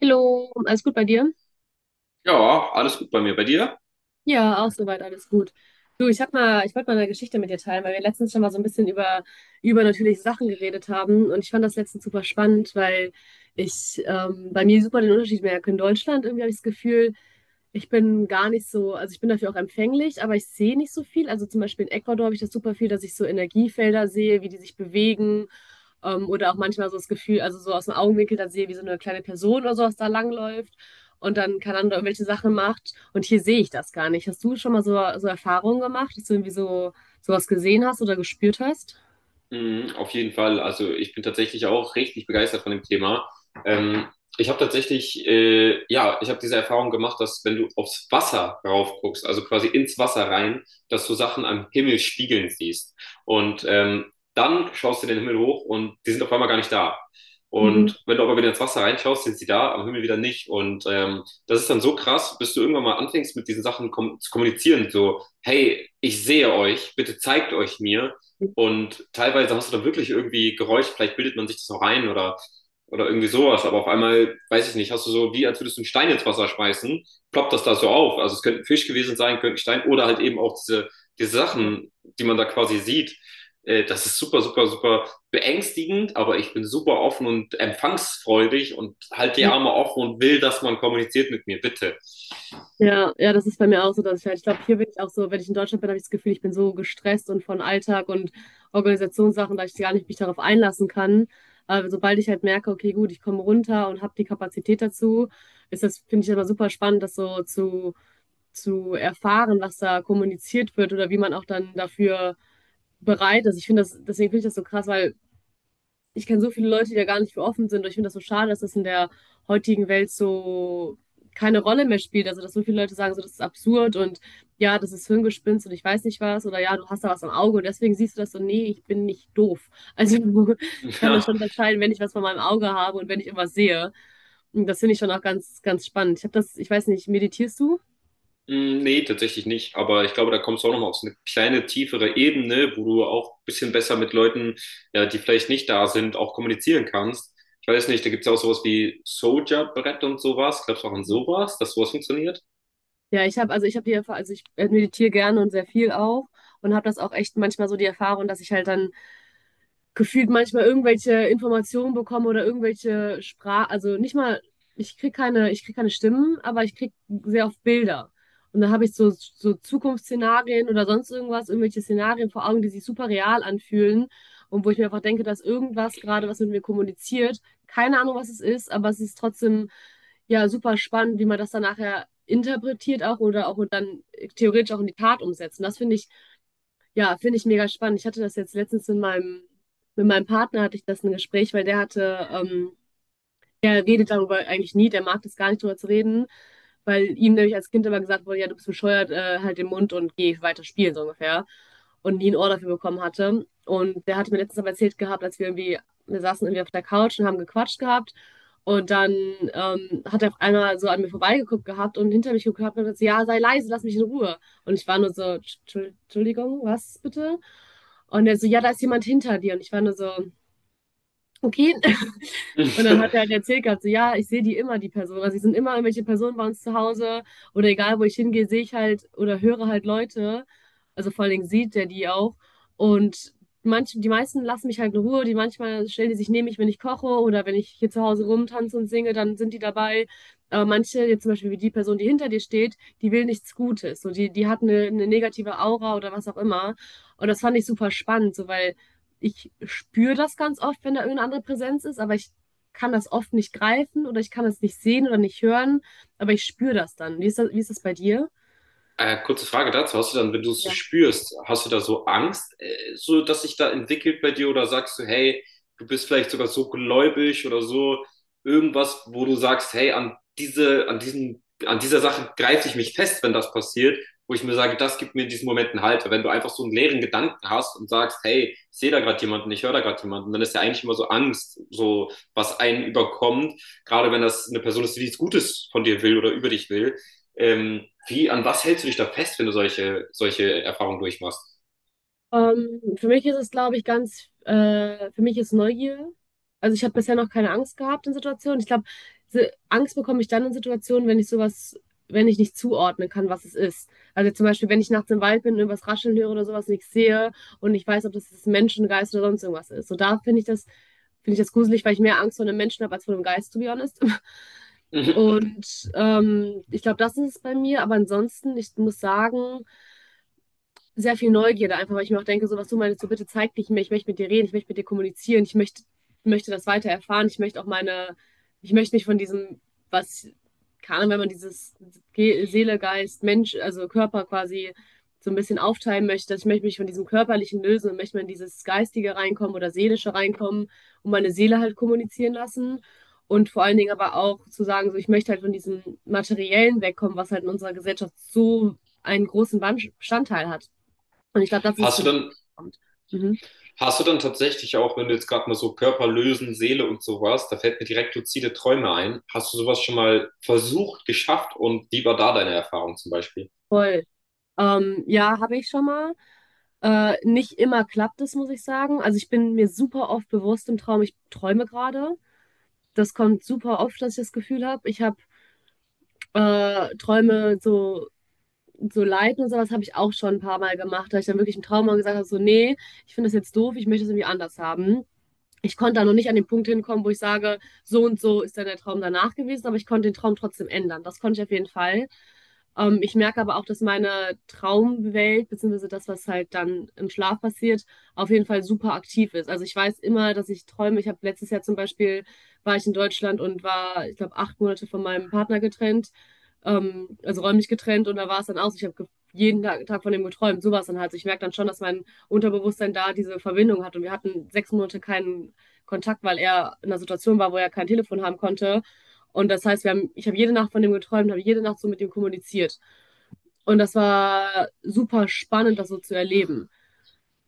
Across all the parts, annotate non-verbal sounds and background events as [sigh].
Hallo, alles gut bei dir? Ja, alles gut bei mir. Bei dir? Ja, auch soweit alles gut. Du, ich wollte mal eine Geschichte mit dir teilen, weil wir letztens schon mal so ein bisschen über übernatürliche Sachen geredet haben und ich fand das letztens super spannend, weil ich bei mir super den Unterschied merke. In Deutschland irgendwie habe ich das Gefühl, ich bin gar nicht so, also ich bin dafür auch empfänglich, aber ich sehe nicht so viel. Also zum Beispiel in Ecuador habe ich das super viel, dass ich so Energiefelder sehe, wie die sich bewegen. Oder auch manchmal so das Gefühl, also so aus dem Augenwinkel dann sehe, wie so eine kleine Person oder sowas da langläuft und dann keine Ahnung, irgendwelche Sachen macht. Und hier sehe ich das gar nicht. Hast du schon mal so Erfahrungen gemacht, dass du irgendwie so sowas gesehen hast oder gespürt hast? Mhm, auf jeden Fall. Also ich bin tatsächlich auch richtig begeistert von dem Thema. Ähm, ich habe tatsächlich, ja, ich habe diese Erfahrung gemacht, dass wenn du aufs Wasser rauf guckst, also quasi ins Wasser rein, dass du Sachen am Himmel spiegeln siehst. Und dann schaust du den Himmel hoch und die sind auf einmal gar nicht da. Mhm. Und wenn du aber wieder ins Wasser reinschaust, sind sie da, am Himmel wieder nicht. Und das ist dann so krass, bis du irgendwann mal anfängst, mit diesen Sachen kom zu kommunizieren. So, hey, ich sehe euch, bitte zeigt euch mir. Und teilweise hast du da wirklich irgendwie Geräusche, vielleicht bildet man sich das noch rein oder irgendwie sowas, aber auf einmal, weiß ich nicht, hast du so, wie als würdest du einen Stein ins Wasser schmeißen, ploppt das da so auf. Also es könnte ein Fisch gewesen sein, könnte ein Stein oder halt eben auch diese Sachen, die man da quasi sieht. Das ist super, super, super beängstigend, aber ich bin super offen und empfangsfreudig und halte die Arme offen und will, dass man kommuniziert mit mir, bitte. Ja, ja, das ist bei mir auch so, dass ich halt, ich glaube, hier bin ich auch so. Wenn ich in Deutschland bin, habe ich das Gefühl, ich bin so gestresst und von Alltag und Organisationssachen, dass ich gar nicht mich darauf einlassen kann. Aber sobald ich halt merke, okay, gut, ich komme runter und habe die Kapazität dazu, ist das, finde ich, immer super spannend, das so zu erfahren, was da kommuniziert wird oder wie man auch dann dafür bereit ist. Deswegen finde ich das so krass, weil ich kenne so viele Leute, die da gar nicht für offen sind. Und ich finde das so schade, dass das in der heutigen Welt so keine Rolle mehr spielt. Also, dass so viele Leute sagen, so, das ist absurd und ja, das ist Hirngespinst und ich weiß nicht was, oder ja, du hast da was am Auge und deswegen siehst du das so. Nee, ich bin nicht doof. Also, [laughs] ich [laughs] kann das Ja. schon unterscheiden, wenn ich was von meinem Auge habe und wenn ich irgendwas sehe. Und das finde ich schon auch ganz, ganz spannend. Ich weiß nicht, meditierst du? Mm, nee, tatsächlich nicht. Aber ich glaube, da kommst du auch nochmal auf so eine kleine tiefere Ebene, wo du auch ein bisschen besser mit ja, die vielleicht nicht da sind, auch kommunizieren kannst. Ich weiß nicht, da gibt es ja auch sowas wie Soldier-Brett und sowas. Glaubst du auch an sowas, dass sowas funktioniert? Ja, ich habe, also ich habe die Erfahrung, also ich meditiere gerne und sehr viel auch und habe das auch echt manchmal so die Erfahrung, dass ich halt dann gefühlt manchmal irgendwelche Informationen bekomme oder irgendwelche also nicht mal, ich krieg keine Stimmen, aber ich krieg sehr oft Bilder. Und dann habe ich so, so Zukunftsszenarien oder sonst irgendwas, irgendwelche Szenarien vor Augen, die sich super real anfühlen und wo ich mir einfach denke, dass irgendwas gerade was mit mir kommuniziert. Keine Ahnung, was es ist, aber es ist trotzdem ja super spannend, wie man das dann nachher interpretiert auch oder auch dann theoretisch auch in die Tat umsetzt. Und das finde ich, ja, finde ich mega spannend. Ich hatte das jetzt letztens mit meinem Partner, hatte ich das ein Gespräch, weil der hatte er redet darüber eigentlich nie, der mag das gar nicht drüber zu reden, weil ihm nämlich als Kind immer gesagt wurde, ja, du bist bescheuert, halt den Mund und geh weiter spielen, so ungefähr. Und nie ein Ohr dafür bekommen hatte. Und der hatte mir letztens aber erzählt gehabt, wir saßen irgendwie auf der Couch und haben gequatscht gehabt. Und dann hat er auf einmal so an mir vorbeigeguckt gehabt und hinter mich geguckt gehabt und hat gesagt, ja, sei leise, lass mich in Ruhe. Und ich war nur so, Entschuldigung, was bitte? Und er so, ja, da ist jemand hinter dir. Und ich war nur so, okay, und dann hat er halt [laughs] erzählt gehabt, so, ja, ich sehe die immer, die Person. Also, es sind immer irgendwelche Personen bei uns zu Hause oder egal, wo ich hingehe, sehe ich halt oder höre halt Leute. Also, vor allen Dingen sieht er die auch. Und die meisten lassen mich halt in Ruhe. Die, manchmal stellen die sich neben mich, wenn ich koche oder wenn ich hier zu Hause rumtanze und singe, dann sind die dabei. Aber manche, jetzt zum Beispiel wie die Person, die hinter dir steht, die will nichts Gutes. So, die hat eine negative Aura oder was auch immer. Und das fand ich super spannend, so, weil ich spüre das ganz oft, wenn da irgendeine andere Präsenz ist, aber ich kann das oft nicht greifen oder ich kann es nicht sehen oder nicht hören, aber ich spüre das dann. Wie ist das bei dir? Kurze Frage dazu. Hast du dann, wenn du es so Ja. spürst, hast du da so Angst, so dass sich da entwickelt bei dir oder sagst du, hey, du bist vielleicht sogar so gläubig oder so irgendwas, wo du sagst, hey, an dieser Sache greife ich mich fest, wenn das passiert, wo ich mir sage, das gibt mir in diesen Momenten Halt. Weil wenn du einfach so einen leeren Gedanken hast und sagst, hey, ich sehe da gerade jemanden, ich höre da gerade jemanden, dann ist ja eigentlich immer so Angst, so was einen überkommt, gerade wenn das eine Person ist, die nichts Gutes von dir will oder über dich will. Ähm, an was hältst du dich da wenn du solche Erfahrungen durchmachst? Für mich ist es, glaube ich, für mich ist Neugier. Also ich habe bisher noch keine Angst gehabt in Situationen. Ich glaube, Angst bekomme ich dann in Situationen, wenn ich sowas, wenn ich nicht zuordnen kann, was es ist. Also zum Beispiel, wenn ich nachts im Wald bin und irgendwas rascheln höre oder sowas, nichts sehe und nicht weiß, ob das jetzt ein Menschengeist oder sonst irgendwas ist. So da finde ich das gruselig, weil ich mehr Angst vor einem Menschen habe als vor einem Geist, to be honest. [laughs] Mhm. Und ich glaube, das ist es bei mir. Aber ansonsten, ich muss sagen, sehr viel Neugierde, einfach weil ich mir auch denke, so was du meinst, so bitte zeig dich mir, ich möchte mit dir reden, ich möchte mit dir kommunizieren, ich möchte das weiter erfahren. Ich möchte mich von diesem, was kann, wenn man dieses Ge Seele, Geist, Mensch, also Körper quasi so ein bisschen aufteilen möchte, dass ich möchte mich von diesem Körperlichen lösen und möchte mal in dieses Geistige reinkommen oder Seelische reinkommen und meine Seele halt kommunizieren lassen. Und vor allen Dingen aber auch zu sagen, so ich möchte halt von diesem Materiellen wegkommen, was halt in unserer Gesellschaft so einen großen Bestandteil hat. Und ich glaube, das ist Hast für du mich, dann, was kommt. Mhm. hast du dann tatsächlich auch, wenn du jetzt gerade mal so Körper lösen, Seele und sowas, da fällt mir direkt luzide Träume ein. Hast du sowas schon mal versucht, geschafft und wie war da deine Erfahrung zum Beispiel? Voll. Ja, habe ich schon mal. Nicht immer klappt es, muss ich sagen. Also ich bin mir super oft bewusst im Traum, ich träume gerade. Das kommt super oft, dass ich das Gefühl habe. Ich habe Träume so, so leiten und sowas habe ich auch schon ein paar Mal gemacht, da ich dann wirklich im Traum mal gesagt habe, so, nee, ich finde das jetzt doof, ich möchte es irgendwie anders haben. Ich konnte da noch nicht an den Punkt hinkommen, wo ich sage, so und so ist dann der Traum danach gewesen, aber ich konnte den Traum trotzdem ändern. Das konnte ich auf jeden Fall. Ich merke aber auch, dass meine Traumwelt beziehungsweise das, was halt dann im Schlaf passiert, auf jeden Fall super aktiv ist. Also ich weiß immer, dass ich träume. Ich habe letztes Jahr zum Beispiel, war ich in Deutschland, und war, ich glaube, 8 Monate von meinem Partner getrennt, also räumlich getrennt, und da war es dann aus. Ich habe jeden Tag von dem geträumt, sowas dann halt. Also ich merke dann schon, dass mein Unterbewusstsein da diese Verbindung hat, und wir hatten 6 Monate keinen Kontakt, weil er in einer Situation war, wo er kein Telefon haben konnte. Und das heißt, wir haben, ich habe jede Nacht von dem geträumt, habe jede Nacht so mit ihm kommuniziert. Und das war super spannend, das so zu erleben.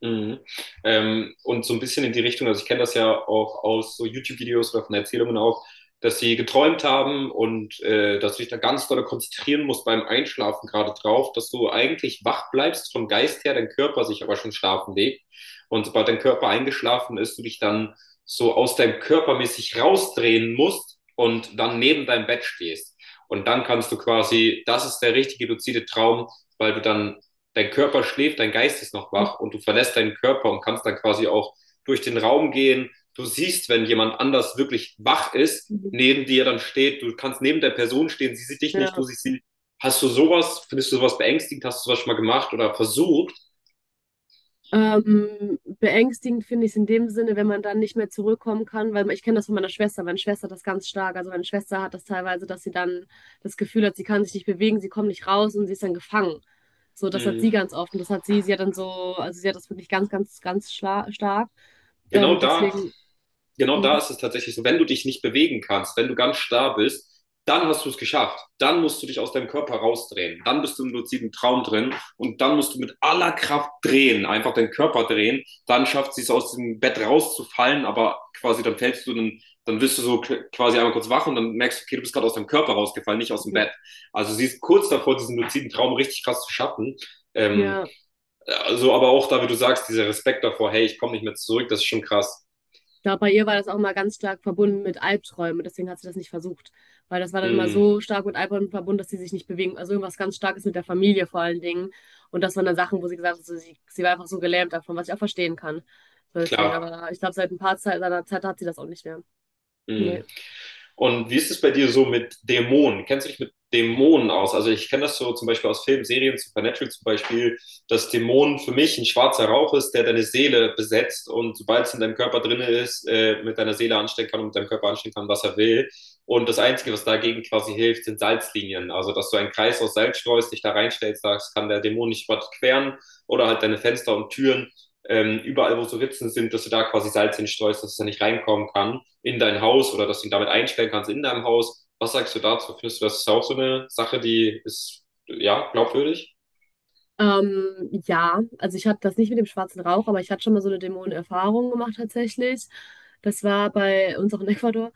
Mhm. Und so ein bisschen in die Richtung, also ich kenne das ja auch aus so YouTube-Videos oder von Erzählungen auch, dass sie geträumt haben und dass du dich da ganz doll konzentrieren musst beim Einschlafen gerade drauf, dass du eigentlich wach bleibst vom Geist her, dein Körper sich aber schon schlafen legt. Und sobald dein Körper eingeschlafen ist, du dich dann so aus deinem Körper mäßig rausdrehen musst und dann neben deinem Bett stehst. Und dann kannst du quasi, das ist der richtige luzide Traum, weil du dann dein Körper schläft, dein Geist ist noch wach und du verlässt deinen Körper und kannst dann quasi auch durch den Raum gehen. Du siehst, wenn jemand anders wirklich wach ist, Mhm. neben dir dann steht, du kannst neben der Person stehen, sie sieht dich Ja. nicht, du siehst sie. Hast du sowas, findest du sowas beängstigend, hast du sowas schon mal gemacht oder versucht? Beängstigend finde ich es in dem Sinne, wenn man dann nicht mehr zurückkommen kann, weil ich kenne das von meiner Schwester. Meine Schwester hat das ganz stark. Also meine Schwester hat das teilweise, dass sie dann das Gefühl hat, sie kann sich nicht bewegen, sie kommt nicht raus und sie ist dann gefangen. So, das hat Mhm. sie ganz oft, und das hat sie, sie hat dann so, also sie hat das wirklich ganz, ganz, ganz stark. Genau da Deswegen, genau da mhm, ist es tatsächlich so, wenn du dich nicht bewegen kannst, wenn du ganz starr bist, dann hast du es geschafft. Dann musst du dich aus deinem Körper rausdrehen. Dann bist du im luziden Traum drin und dann musst du mit aller Kraft drehen, einfach den Körper drehen. Dann schafft sie es aus dem Bett rauszufallen, aber quasi dann fällst dann wirst du so quasi einmal kurz wach und dann merkst du, okay, du bist gerade aus deinem Körper rausgefallen, nicht aus dem Bett. Also sie ist kurz davor, diesen luziden Traum richtig krass zu schaffen. Ähm, ja. also aber auch da, wie du sagst, dieser Respekt davor, hey, ich komme nicht mehr zurück, das ist schon krass. Ich glaube, bei ihr war das auch mal ganz stark verbunden mit Albträumen. Deswegen hat sie das nicht versucht. Weil das war dann immer Mhm, so stark mit Albträumen verbunden, dass sie sich nicht bewegen. Also irgendwas ganz Starkes mit der Familie vor allen Dingen. Und das waren dann Sachen, wo sie gesagt hat, so, sie war einfach so gelähmt davon, was ich auch verstehen kann. So deswegen, klar. aber ich glaube, seit ein paar Zeit, seit einer Zeit hat sie das auch nicht mehr. Nee. Mhm. Und wie ist es bei dir so mit Dämonen? Kennst du dich mit Dämonen aus? Also ich kenne das so zum Beispiel aus Filmen, Serien, Supernatural zum Beispiel, dass Dämonen für mich ein schwarzer Rauch ist, der deine Seele besetzt und sobald es in deinem Körper drin ist, mit deiner Seele anstellen kann und mit deinem Körper anstellen kann, was er will. Und das Einzige, was dagegen quasi hilft, sind Salzlinien. Also dass du einen Kreis aus Salz streust, dich da reinstellst, sagst, kann der Dämon nicht überqueren oder halt deine Fenster und Türen überall, wo so Ritzen sind, dass du da quasi Salz hinstreust, dass er nicht reinkommen kann in dein Haus oder dass du ihn damit einstellen kannst in deinem Haus. Was sagst du dazu? Findest du, das ist auch so eine Sache, die ist, ja, glaubwürdig? Ähm, ja, also ich hatte das nicht mit dem schwarzen Rauch, aber ich hatte schon mal so eine Dämonenerfahrung gemacht, tatsächlich. Das war bei uns auch in Ecuador.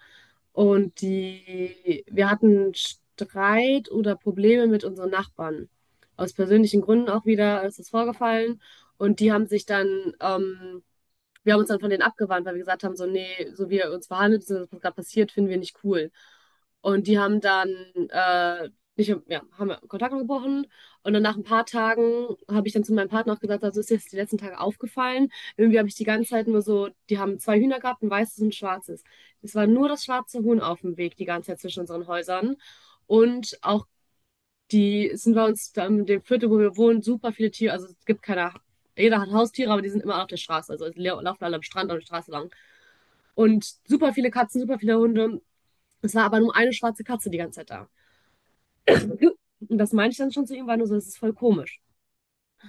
Und die, wir hatten Streit oder Probleme mit unseren Nachbarn. Aus persönlichen Gründen auch wieder ist das vorgefallen. Und die haben sich dann Wir haben uns dann von denen abgewandt, weil wir gesagt haben, so, nee, so wie ihr uns verhandelt, so, was gerade passiert, finden wir nicht cool. Und die haben dann, äh, nicht, ja, haben wir Kontakt gebrochen. Und dann nach ein paar Tagen habe ich dann zu meinem Partner auch gesagt, also ist jetzt die letzten Tage aufgefallen. Irgendwie habe ich die ganze Zeit nur so, die haben zwei Hühner gehabt, ein weißes und ein schwarzes. Es war nur das schwarze Huhn auf dem Weg die ganze Zeit zwischen unseren Häusern. Und auch die sind bei uns in dem Viertel, wo wir wohnen, super viele Tiere. Also es gibt keine, jeder hat Haustiere, aber die sind immer auf der Straße. Also die laufen alle am Strand, an der Straße lang. Und super viele Katzen, super viele Hunde. Es war aber nur eine schwarze Katze die ganze Zeit da. Und das meinte ich dann schon zu ihm, war nur so, das ist voll komisch.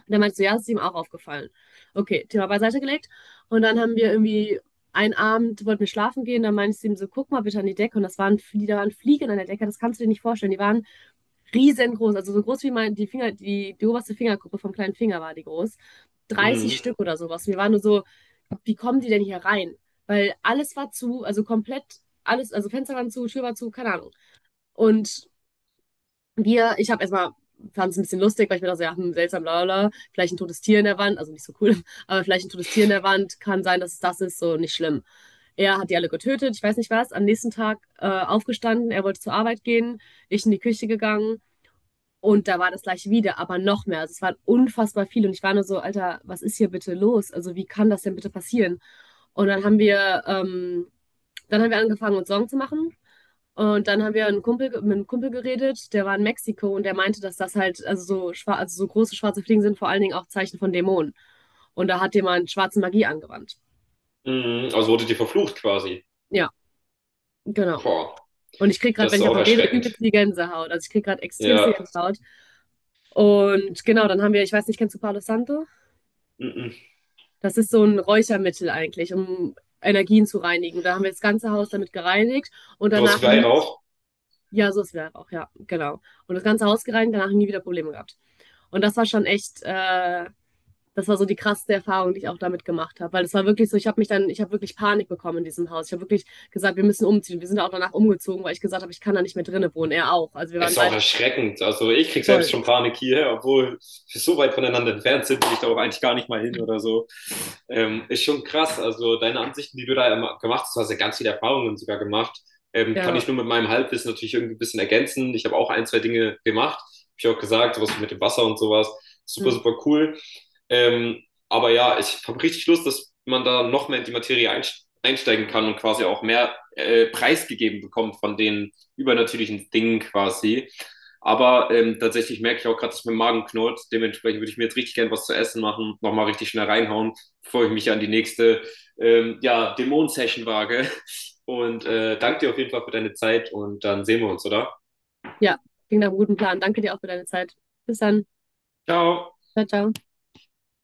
Der meinte so, ja, das ist ihm auch aufgefallen. Okay, Thema beiseite gelegt. Und dann haben wir irgendwie einen Abend, wollten wir schlafen gehen, dann meinte ich zu ihm so, guck mal bitte an die Decke. Und das waren, da waren Fliegen an der Decke, das kannst du dir nicht vorstellen. Die waren riesengroß, also so groß wie mein, die oberste Fingergruppe vom kleinen Finger war die groß. 30 Mhm. Stück oder sowas. Wir waren nur so, wie kommen die denn hier rein? Weil alles war zu, also komplett alles, also Fenster waren zu, Tür war zu, keine Ahnung. Und ich habe erstmal, fand es ein bisschen lustig, weil ich mir dachte, so, ja, hm, seltsam, bla, bla, bla, vielleicht ein totes Tier in der Wand, also nicht so cool, [laughs] aber vielleicht ein totes Tier in der Wand, kann sein, dass es das ist, so nicht schlimm. Er hat die alle getötet, ich weiß nicht was, am nächsten Tag aufgestanden, er wollte zur Arbeit gehen, ich in die Küche gegangen, und da war das gleich wieder, aber noch mehr. Also es waren unfassbar viele. Und ich war nur so, Alter, was ist hier bitte los? Also wie kann das denn bitte passieren? Und dann haben wir angefangen, uns Sorgen zu machen. Und dann haben wir mit einem Kumpel geredet, der war in Mexiko und der meinte, dass das halt, also so, also so große schwarze Fliegen sind vor allen Dingen auch Zeichen von Dämonen. Und da hat jemand schwarze Magie angewandt. Mhm. Also wurde dir verflucht quasi. Ja, genau. Boah, Und ich kriege gerade, das ist wenn ich auch davon rede, erschreckend. übelst die Gänsehaut. Also ich kriege gerade extremste Ja. Gänsehaut. Und genau, dann haben wir, ich weiß nicht, kennst du Palo Santo? Mhm. Das ist so ein Räuchermittel eigentlich, um Energien zu reinigen. Da haben wir das ganze Haus damit gereinigt und Sowas wie danach nie. Weihrauch. Ja, so ist es halt auch, ja, genau. Und das ganze Haus gereinigt, danach nie wieder Probleme gehabt. Und das war schon echt das war so die krasseste Erfahrung, die ich auch damit gemacht habe, weil das war wirklich so, ich habe wirklich Panik bekommen in diesem Haus. Ich habe wirklich gesagt: „Wir müssen umziehen.“ Wir sind auch danach umgezogen, weil ich gesagt habe: „Ich kann da nicht mehr drinnen wohnen.“ Er auch. Also, wir Es waren ist auch beide erschreckend. Also ich krieg voll. selbst schon Panik hier, obwohl wir so weit voneinander entfernt sind, will ich da auch eigentlich gar nicht mal hin oder so. Ist schon krass. Also deine Ansichten, die du da immer gemacht hast, du hast ja ganz viele Erfahrungen sogar gemacht. Kann ich Ja, nur mit meinem Halbwissen natürlich irgendwie ein bisschen ergänzen. Ich habe auch ein, zwei Dinge gemacht. Hab ich auch gesagt, sowas mit dem Wasser und sowas. Super, mhm. super cool. Ähm, aber ja, ich habe richtig Lust, dass man da noch mehr in die Materie einsteigt einsteigen kann und quasi auch mehr preisgegeben bekommt von den übernatürlichen Dingen quasi. Aber tatsächlich merke ich auch gerade, dass mein Magen knurrt. Dementsprechend würde ich mir jetzt richtig gern was zu essen machen, nochmal richtig schnell reinhauen, bevor ich mich an die nächste ja, dämonen session wage. Und danke dir auf jeden Fall für deine Zeit und dann sehen wir uns, oder? Ja, klingt nach einem guten Plan. Danke dir auch für deine Zeit. Bis dann. Ciao! Ciao. Tschau.